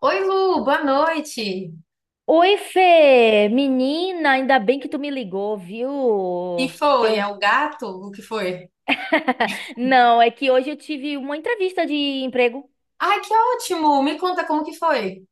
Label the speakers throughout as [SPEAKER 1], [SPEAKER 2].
[SPEAKER 1] Oi, Lu, boa noite.
[SPEAKER 2] Oi, Fê! Menina, ainda bem que tu me ligou,
[SPEAKER 1] Que
[SPEAKER 2] viu? Que
[SPEAKER 1] foi? É
[SPEAKER 2] eu...
[SPEAKER 1] o gato? O que foi?
[SPEAKER 2] Não, é que hoje eu tive uma entrevista de emprego.
[SPEAKER 1] Ai, que ótimo! Me conta como que foi.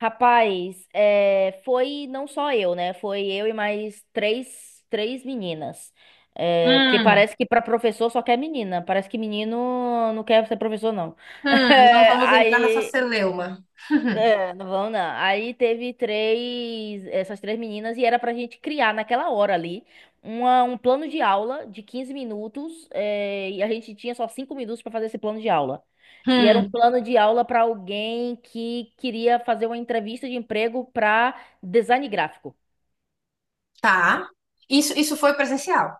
[SPEAKER 2] Rapaz, foi não só eu, né? Foi eu e mais três meninas. É, porque
[SPEAKER 1] Hum,
[SPEAKER 2] parece que para professor só quer menina. Parece que menino não quer ser professor, não.
[SPEAKER 1] não vamos entrar nessa
[SPEAKER 2] Aí
[SPEAKER 1] celeuma.
[SPEAKER 2] é, não vão não. Aí teve três, essas três meninas, e era pra gente criar naquela hora ali um plano de aula de 15 minutos, e a gente tinha só 5 minutos pra fazer esse plano de aula. E era um
[SPEAKER 1] Hum,
[SPEAKER 2] plano de aula pra alguém que queria fazer uma entrevista de emprego pra design gráfico.
[SPEAKER 1] tá. Isso foi presencial.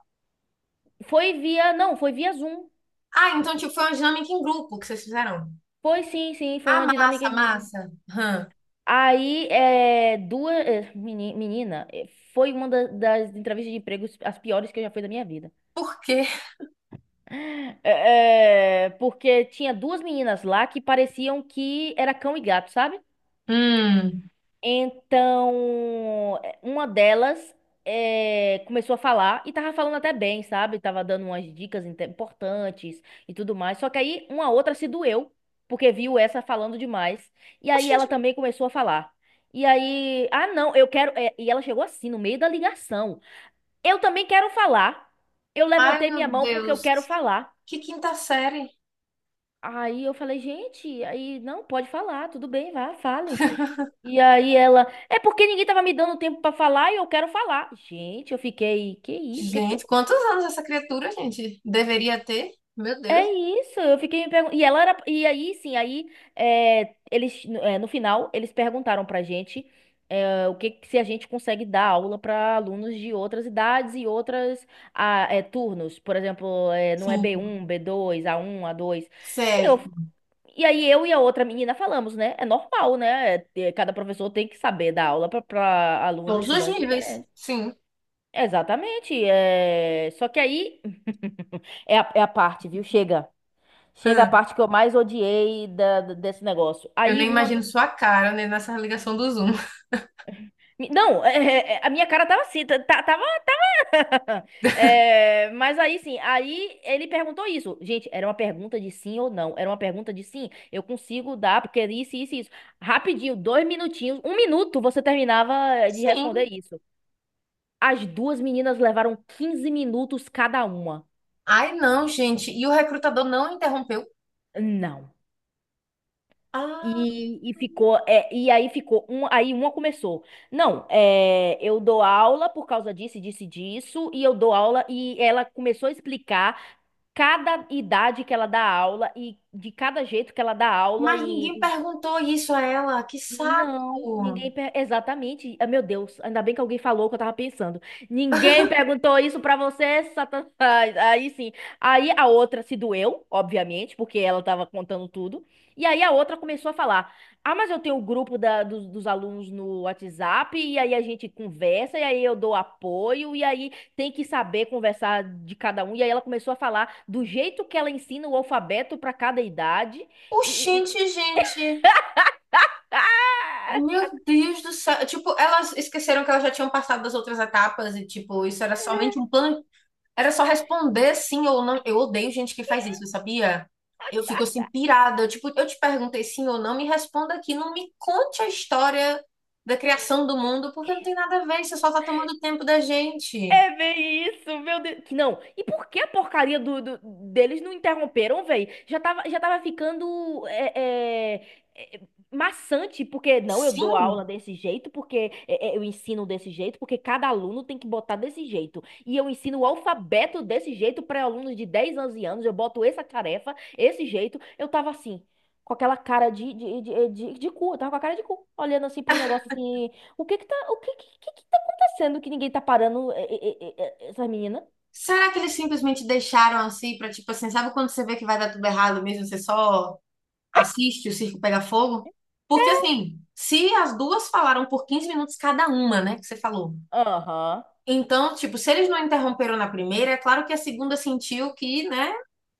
[SPEAKER 2] Foi via, não, foi via Zoom.
[SPEAKER 1] Ah, então tipo, foi uma dinâmica em grupo que vocês fizeram.
[SPEAKER 2] Foi
[SPEAKER 1] Ah,
[SPEAKER 2] uma dinâmica
[SPEAKER 1] massa,
[SPEAKER 2] em grupo.
[SPEAKER 1] massa.
[SPEAKER 2] Aí, duas, menina, é, foi uma das entrevistas de emprego as piores que eu já fiz da minha vida.
[SPEAKER 1] Por quê?
[SPEAKER 2] Porque tinha duas meninas lá que pareciam que era cão e gato, sabe?
[SPEAKER 1] Hum.
[SPEAKER 2] Então, é, uma delas é, começou a falar e tava falando até bem, sabe? Tava dando umas dicas importantes e tudo mais. Só que aí uma outra se doeu, porque viu essa falando demais. E aí ela
[SPEAKER 1] Gente,
[SPEAKER 2] também começou a falar. E aí, ah, não, eu quero. E ela chegou assim, no meio da ligação. Eu também quero falar. Eu
[SPEAKER 1] ai,
[SPEAKER 2] levantei
[SPEAKER 1] meu
[SPEAKER 2] minha mão porque eu
[SPEAKER 1] Deus.
[SPEAKER 2] quero falar.
[SPEAKER 1] Que quinta série.
[SPEAKER 2] Aí eu falei, gente, aí não, pode falar, tudo bem, vá, fale. E aí ela, é porque ninguém tava me dando tempo pra falar e eu quero falar. Gente, eu fiquei, que isso? Que tá...
[SPEAKER 1] Gente, quantos anos essa criatura, gente, deveria ter? Meu
[SPEAKER 2] É
[SPEAKER 1] Deus.
[SPEAKER 2] isso, eu fiquei me perguntando. E ela era, e aí sim, aí é, eles, é, no final, eles perguntaram pra gente é, o se a gente consegue dar aula pra alunos de outras idades e outras ah, é, turnos. Por exemplo, é, não é b
[SPEAKER 1] Sim.
[SPEAKER 2] um b dois a um a dois.
[SPEAKER 1] Certo.
[SPEAKER 2] E aí eu e a outra menina falamos, né? É normal, né? Cada professor tem que saber dar aula para alunos,
[SPEAKER 1] Todos os
[SPEAKER 2] estudantes
[SPEAKER 1] níveis,
[SPEAKER 2] diferentes.
[SPEAKER 1] sim.
[SPEAKER 2] Exatamente. É... Só que aí é a parte, viu? Chega. Chega a
[SPEAKER 1] Hã,
[SPEAKER 2] parte que eu mais odiei desse negócio.
[SPEAKER 1] eu
[SPEAKER 2] Aí
[SPEAKER 1] nem
[SPEAKER 2] uma.
[SPEAKER 1] imagino sua cara, né, nessa ligação do Zoom.
[SPEAKER 2] Não, a minha cara tava assim, tava ah, é, mas aí sim, aí ele perguntou isso. Gente, era uma pergunta de sim ou não. Era uma pergunta de sim. Eu consigo dar, porque é isso. Rapidinho, 2 minutinhos, 1 minuto, você terminava de responder
[SPEAKER 1] Sim.
[SPEAKER 2] isso. As duas meninas levaram 15 minutos cada uma.
[SPEAKER 1] Ai, não, gente. E o recrutador não interrompeu?
[SPEAKER 2] Não.
[SPEAKER 1] Ah,
[SPEAKER 2] E ficou, é, e aí ficou, um, aí uma começou. Não, é, eu dou aula por causa disso, e disso, e eu dou aula, e ela começou a explicar cada idade que ela dá aula e de cada jeito que ela dá aula
[SPEAKER 1] mas
[SPEAKER 2] e,
[SPEAKER 1] ninguém perguntou isso a ela. Que saco.
[SPEAKER 2] não, ninguém. Exatamente. Ah, meu Deus, ainda bem que alguém falou o que eu tava pensando. Ninguém perguntou isso pra você, Satanás. Aí sim. Aí a outra se doeu, obviamente, porque ela tava contando tudo. E aí a outra começou a falar: ah, mas eu tenho o grupo dos, dos alunos no WhatsApp, e aí a gente conversa, e aí eu dou apoio, e aí tem que saber conversar de cada um. E aí ela começou a falar do jeito que ela ensina o alfabeto pra cada idade. E, e- e-
[SPEAKER 1] Oxente, gente.
[SPEAKER 2] ah!
[SPEAKER 1] Meu Deus do céu. Tipo, elas esqueceram que elas já tinham passado das outras etapas e, tipo, isso era somente um plano. Era só responder sim ou não. Eu odeio gente que faz isso, sabia? Eu fico assim, pirada. Eu, tipo, eu te perguntei sim ou não, me responda aqui. Não me conte a história da criação do mundo, porque não tem nada a ver. Você só tá tomando tempo da gente.
[SPEAKER 2] É bem isso, meu Deus. Que não. E por que a porcaria deles não interromperam, velho? Já tava ficando é, maçante, porque não, eu dou aula
[SPEAKER 1] Sim?
[SPEAKER 2] desse jeito, porque eu ensino desse jeito, porque cada aluno tem que botar desse jeito. E eu ensino o alfabeto desse jeito para alunos de 10, 11 anos, eu boto essa tarefa, esse jeito. Eu tava assim, com aquela cara de cu, eu tava com a cara de cu, olhando assim pro negócio assim, o que que tá sendo que ninguém tá parando essas meninas?
[SPEAKER 1] Será que eles simplesmente deixaram assim pra, tipo assim, sabe quando você vê que vai dar tudo errado mesmo? Você só assiste o circo pegar fogo? Porque assim, se as duas falaram por 15 minutos cada uma, né, que você falou.
[SPEAKER 2] Aham.
[SPEAKER 1] Então, tipo, se eles não interromperam na primeira, é claro que a segunda sentiu que, né,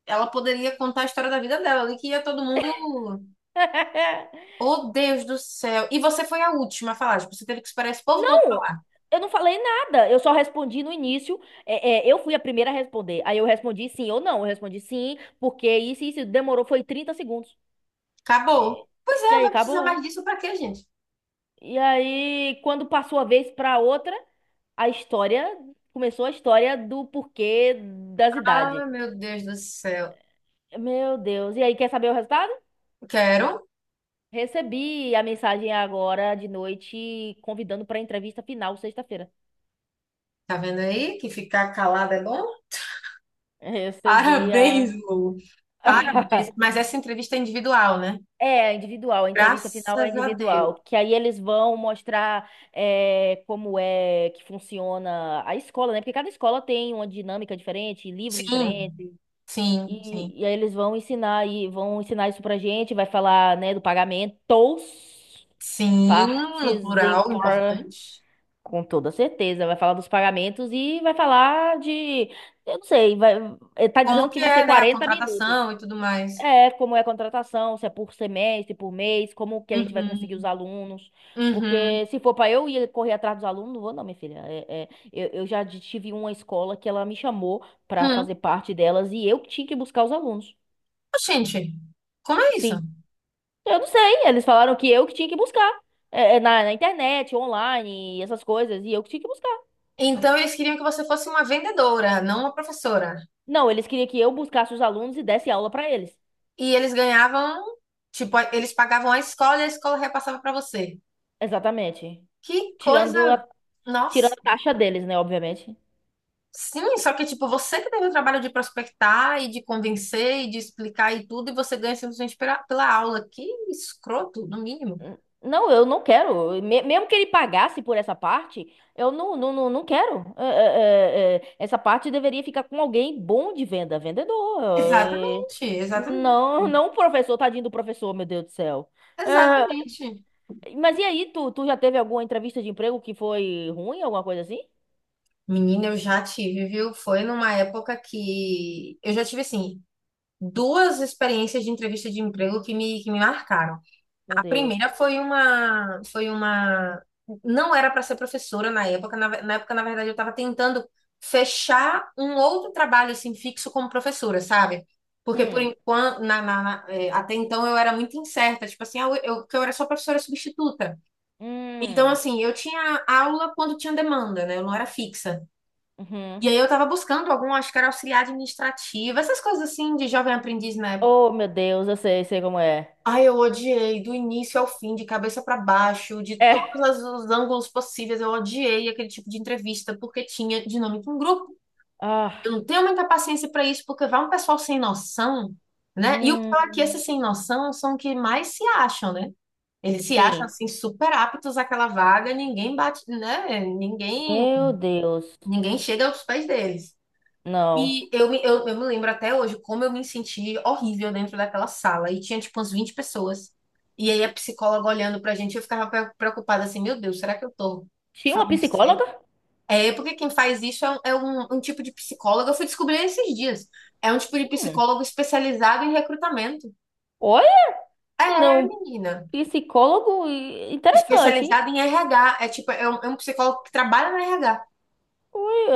[SPEAKER 1] ela poderia contar a história da vida dela ali, que ia todo mundo. Oh, Deus do céu! E você foi a última a falar, tipo, você teve que esperar esse povo todo
[SPEAKER 2] Não,
[SPEAKER 1] falar.
[SPEAKER 2] eu não falei nada. Eu só respondi no início. Eu fui a primeira a responder. Aí eu respondi sim ou não. Eu respondi sim, porque isso, e isso demorou, foi 30 segundos. E,
[SPEAKER 1] Acabou. Pois
[SPEAKER 2] e
[SPEAKER 1] é,
[SPEAKER 2] aí
[SPEAKER 1] vai precisar mais
[SPEAKER 2] acabou.
[SPEAKER 1] disso pra quê, gente?
[SPEAKER 2] E aí, quando passou a vez pra outra, a história começou a história do porquê das
[SPEAKER 1] Ah,
[SPEAKER 2] idades.
[SPEAKER 1] meu Deus do céu.
[SPEAKER 2] Meu Deus. E aí, quer saber o resultado?
[SPEAKER 1] Quero.
[SPEAKER 2] Recebi a mensagem agora de noite convidando para a entrevista final sexta-feira.
[SPEAKER 1] Tá vendo aí que ficar calada é bom?
[SPEAKER 2] Recebi
[SPEAKER 1] Parabéns,
[SPEAKER 2] a.
[SPEAKER 1] Lu. Parabéns. Mas essa entrevista é individual, né?
[SPEAKER 2] É, individual, a entrevista
[SPEAKER 1] Graças
[SPEAKER 2] final é
[SPEAKER 1] a Deus.
[SPEAKER 2] individual, que aí eles vão mostrar é como é que funciona a escola, né? Porque cada escola tem uma dinâmica diferente, livro
[SPEAKER 1] Sim,
[SPEAKER 2] diferente,
[SPEAKER 1] sim, sim.
[SPEAKER 2] e aí eles vão ensinar e vão ensinar isso pra gente, vai falar, né, do pagamento,
[SPEAKER 1] Sim, no
[SPEAKER 2] partes
[SPEAKER 1] plural, importante.
[SPEAKER 2] importantes. Com toda certeza, vai falar dos pagamentos e vai falar de, eu não sei, vai, eh, tá
[SPEAKER 1] Como
[SPEAKER 2] dizendo que
[SPEAKER 1] que
[SPEAKER 2] vai ser
[SPEAKER 1] é, né? A
[SPEAKER 2] 40 minutos.
[SPEAKER 1] contratação e tudo mais.
[SPEAKER 2] É, como é a contratação, se é por semestre, por mês, como que a gente vai conseguir os
[SPEAKER 1] Uhum,
[SPEAKER 2] alunos.
[SPEAKER 1] uhum.
[SPEAKER 2] Porque se for para eu ir correr atrás dos alunos, não vou não, minha filha. Eu já tive uma escola que ela me chamou para
[SPEAKER 1] Hum.
[SPEAKER 2] fazer parte delas e eu que tinha que buscar os alunos.
[SPEAKER 1] Gente, como é isso?
[SPEAKER 2] Sim. Eu não sei, eles falaram que eu que tinha que buscar. Na, na internet, online, essas coisas, e eu que tinha que buscar.
[SPEAKER 1] Então eles queriam que você fosse uma vendedora, não uma professora.
[SPEAKER 2] Não, eles queriam que eu buscasse os alunos e desse aula pra eles.
[SPEAKER 1] E eles ganhavam, tipo, eles pagavam a escola e a escola repassava pra você.
[SPEAKER 2] Exatamente.
[SPEAKER 1] Que
[SPEAKER 2] Tirando
[SPEAKER 1] coisa!
[SPEAKER 2] a, tirando
[SPEAKER 1] Nossa,
[SPEAKER 2] a taxa deles, né, obviamente.
[SPEAKER 1] sim, só que tipo, você que teve o trabalho de prospectar e de convencer e de explicar e tudo, e você ganha simplesmente pela, pela aula. Que escroto, no mínimo.
[SPEAKER 2] Não, eu não quero. Mesmo que ele pagasse por essa parte, eu não quero. Essa parte deveria ficar com alguém bom de venda, vendedor. É,
[SPEAKER 1] Exatamente, exatamente,
[SPEAKER 2] não, não o professor, tadinho do professor, meu Deus do céu. É,
[SPEAKER 1] exatamente.
[SPEAKER 2] mas e aí, tu já teve alguma entrevista de emprego que foi ruim, alguma coisa assim?
[SPEAKER 1] Menina, eu já tive, viu? Foi numa época que eu já tive assim duas experiências de entrevista de emprego que me marcaram.
[SPEAKER 2] Meu
[SPEAKER 1] A primeira
[SPEAKER 2] Deus.
[SPEAKER 1] foi uma não era para ser professora na época, na época na verdade eu estava tentando fechar um outro trabalho assim fixo como professora, sabe? Porque por
[SPEAKER 2] Hum,
[SPEAKER 1] enquanto até então eu era muito incerta, tipo assim, ah, que eu era só professora substituta. Então,
[SPEAKER 2] hum,
[SPEAKER 1] assim, eu tinha aula quando tinha demanda, né? Eu não era fixa.
[SPEAKER 2] uhum.
[SPEAKER 1] E aí eu tava buscando algum, acho que era auxiliar administrativo, essas coisas assim de jovem aprendiz na época.
[SPEAKER 2] Oh, meu Deus, eu sei, sei como é.
[SPEAKER 1] Ai, eu odiei do início ao fim, de cabeça pra baixo, de todos
[SPEAKER 2] É.
[SPEAKER 1] os ângulos possíveis. Eu odiei aquele tipo de entrevista porque tinha dinâmica em grupo. Eu
[SPEAKER 2] Ah,
[SPEAKER 1] não tenho muita paciência pra isso porque vai um pessoal sem noção, né? E o pior é que esses
[SPEAKER 2] hum,
[SPEAKER 1] sem noção são os que mais se acham, né? Eles se acham
[SPEAKER 2] sim.
[SPEAKER 1] assim super aptos àquela vaga, ninguém bate, né? Ninguém
[SPEAKER 2] Meu Deus.
[SPEAKER 1] Ninguém chega aos pés deles.
[SPEAKER 2] Não.
[SPEAKER 1] E eu me lembro até hoje como eu me senti horrível dentro daquela sala. E tinha, tipo, umas 20 pessoas. E aí a psicóloga olhando pra gente, eu ficava preocupada assim, meu Deus, será que eu tô
[SPEAKER 2] Tinha uma
[SPEAKER 1] falando certo?
[SPEAKER 2] psicóloga?
[SPEAKER 1] É, porque quem faz isso é um tipo de psicóloga, eu fui descobrir esses dias. É um tipo de
[SPEAKER 2] Hum.
[SPEAKER 1] psicólogo especializado em recrutamento.
[SPEAKER 2] Olha,
[SPEAKER 1] É,
[SPEAKER 2] não,
[SPEAKER 1] menina.
[SPEAKER 2] psicólogo interessante, hein?
[SPEAKER 1] Especializado em RH. É tipo, é um psicólogo que trabalha no RH.
[SPEAKER 2] Olha,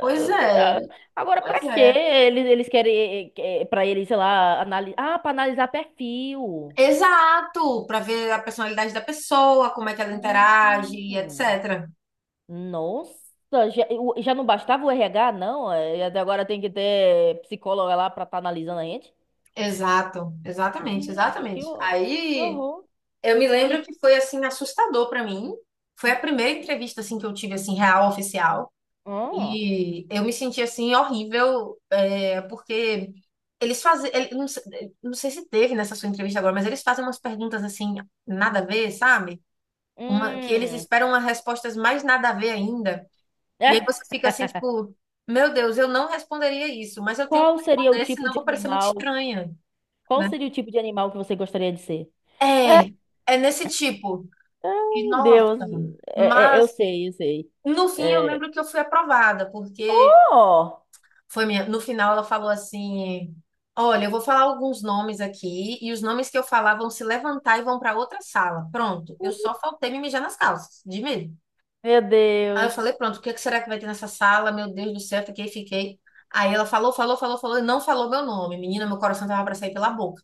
[SPEAKER 1] Pois é,
[SPEAKER 2] agora pra
[SPEAKER 1] pois
[SPEAKER 2] quê?
[SPEAKER 1] é.
[SPEAKER 2] Eles querem pra eles, sei lá, analisar. Ah, pra analisar perfil.
[SPEAKER 1] Exato, para ver a personalidade da pessoa, como é que ela interage,
[SPEAKER 2] Hum.
[SPEAKER 1] etc.
[SPEAKER 2] Nossa, já, já não bastava o RH, não? Até agora tem que ter psicóloga lá pra estar analisando a gente?
[SPEAKER 1] Exato, exatamente,
[SPEAKER 2] Gente, que,
[SPEAKER 1] exatamente.
[SPEAKER 2] hor- que
[SPEAKER 1] Aí
[SPEAKER 2] horror.
[SPEAKER 1] eu me lembro
[SPEAKER 2] E,
[SPEAKER 1] que foi assim assustador para mim. Foi a primeira entrevista assim que eu tive assim real oficial
[SPEAKER 2] oh,
[SPEAKER 1] e eu me senti assim horrível, é, porque eles fazem, não, não sei se teve nessa sua entrevista agora, mas eles fazem umas perguntas assim nada a ver, sabe? Uma, que eles
[SPEAKER 2] hum.
[SPEAKER 1] esperam umas respostas mais nada a ver ainda. E aí
[SPEAKER 2] É,
[SPEAKER 1] você fica assim, tipo, meu Deus, eu não responderia isso, mas eu tenho que
[SPEAKER 2] qual seria o
[SPEAKER 1] responder,
[SPEAKER 2] tipo
[SPEAKER 1] senão eu
[SPEAKER 2] de
[SPEAKER 1] vou parecer muito
[SPEAKER 2] animal?
[SPEAKER 1] estranha,
[SPEAKER 2] Qual
[SPEAKER 1] né?
[SPEAKER 2] seria o tipo de animal que você gostaria de ser? É,
[SPEAKER 1] É, é nesse tipo. E
[SPEAKER 2] ai,
[SPEAKER 1] nossa,
[SPEAKER 2] Deus. Eu
[SPEAKER 1] mas
[SPEAKER 2] sei, eu sei.
[SPEAKER 1] no fim eu
[SPEAKER 2] É,
[SPEAKER 1] lembro que eu fui aprovada, porque
[SPEAKER 2] oh!
[SPEAKER 1] foi minha, no final ela falou assim: "Olha, eu vou falar alguns nomes aqui e os nomes que eu falar vão se levantar e vão para outra sala". Pronto, eu só faltei me mijar nas calças, de medo.
[SPEAKER 2] Meu
[SPEAKER 1] Aí eu
[SPEAKER 2] Deus.
[SPEAKER 1] falei, pronto, o que é que será que vai ter nessa sala? Meu Deus do céu, fiquei, fiquei. Aí ela falou, falou, falou, falou e não falou meu nome. Menina, meu coração tava pra sair pela boca.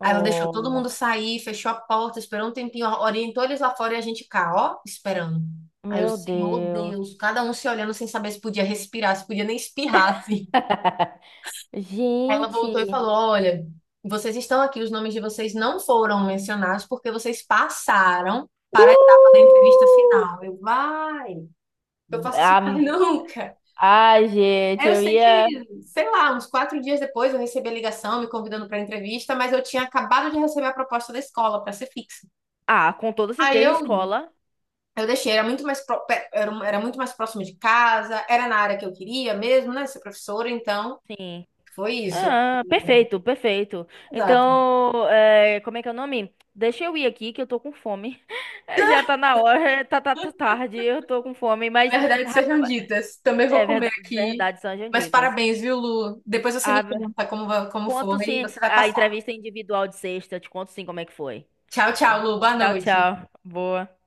[SPEAKER 1] Aí ela deixou todo mundo sair, fechou a porta, esperou um tempinho, orientou eles lá fora e a gente cá, ó, esperando. Aí o
[SPEAKER 2] meu
[SPEAKER 1] Senhor
[SPEAKER 2] Deus.
[SPEAKER 1] Deus, cada um se olhando sem saber se podia respirar, se podia nem espirrar, assim. Aí ela voltou e
[SPEAKER 2] Gente.
[SPEAKER 1] falou: Olha, vocês estão aqui, os nomes de vocês não foram mencionados porque vocês passaram para a etapa da entrevista
[SPEAKER 2] Uh!
[SPEAKER 1] final. Eu, vai, eu faço isso mais
[SPEAKER 2] Ah,
[SPEAKER 1] nunca.
[SPEAKER 2] ai, gente,
[SPEAKER 1] Eu
[SPEAKER 2] eu
[SPEAKER 1] sei que,
[SPEAKER 2] ia.
[SPEAKER 1] sei lá, uns 4 dias depois eu recebi a ligação me convidando para entrevista, mas eu tinha acabado de receber a proposta da escola para ser fixa.
[SPEAKER 2] Ah, com toda
[SPEAKER 1] Aí
[SPEAKER 2] certeza,
[SPEAKER 1] eu,
[SPEAKER 2] escola.
[SPEAKER 1] eu deixei, era muito mais era muito mais próximo de casa, era na área que eu queria mesmo, né, ser professora, então
[SPEAKER 2] Sim.
[SPEAKER 1] foi isso.
[SPEAKER 2] Ah,
[SPEAKER 1] E-
[SPEAKER 2] perfeito, perfeito.
[SPEAKER 1] Exato.
[SPEAKER 2] Então, é, como é que é o nome? Deixa eu ir aqui que eu tô com fome. É, já tá na hora, tá tarde, eu tô com fome, mas
[SPEAKER 1] Verdades
[SPEAKER 2] rap-
[SPEAKER 1] sejam ditas. Também vou
[SPEAKER 2] é
[SPEAKER 1] comer aqui.
[SPEAKER 2] verdade, sejam
[SPEAKER 1] Mas
[SPEAKER 2] ditas.
[SPEAKER 1] parabéns, viu, Lu? Depois você me
[SPEAKER 2] Ah,
[SPEAKER 1] conta como
[SPEAKER 2] conto
[SPEAKER 1] foi e
[SPEAKER 2] sim
[SPEAKER 1] você vai
[SPEAKER 2] a
[SPEAKER 1] passar.
[SPEAKER 2] entrevista individual de sexta, te conto sim como é que foi.
[SPEAKER 1] Tchau, tchau, Lu. Boa
[SPEAKER 2] Tchau,
[SPEAKER 1] noite.
[SPEAKER 2] tchau. Boa.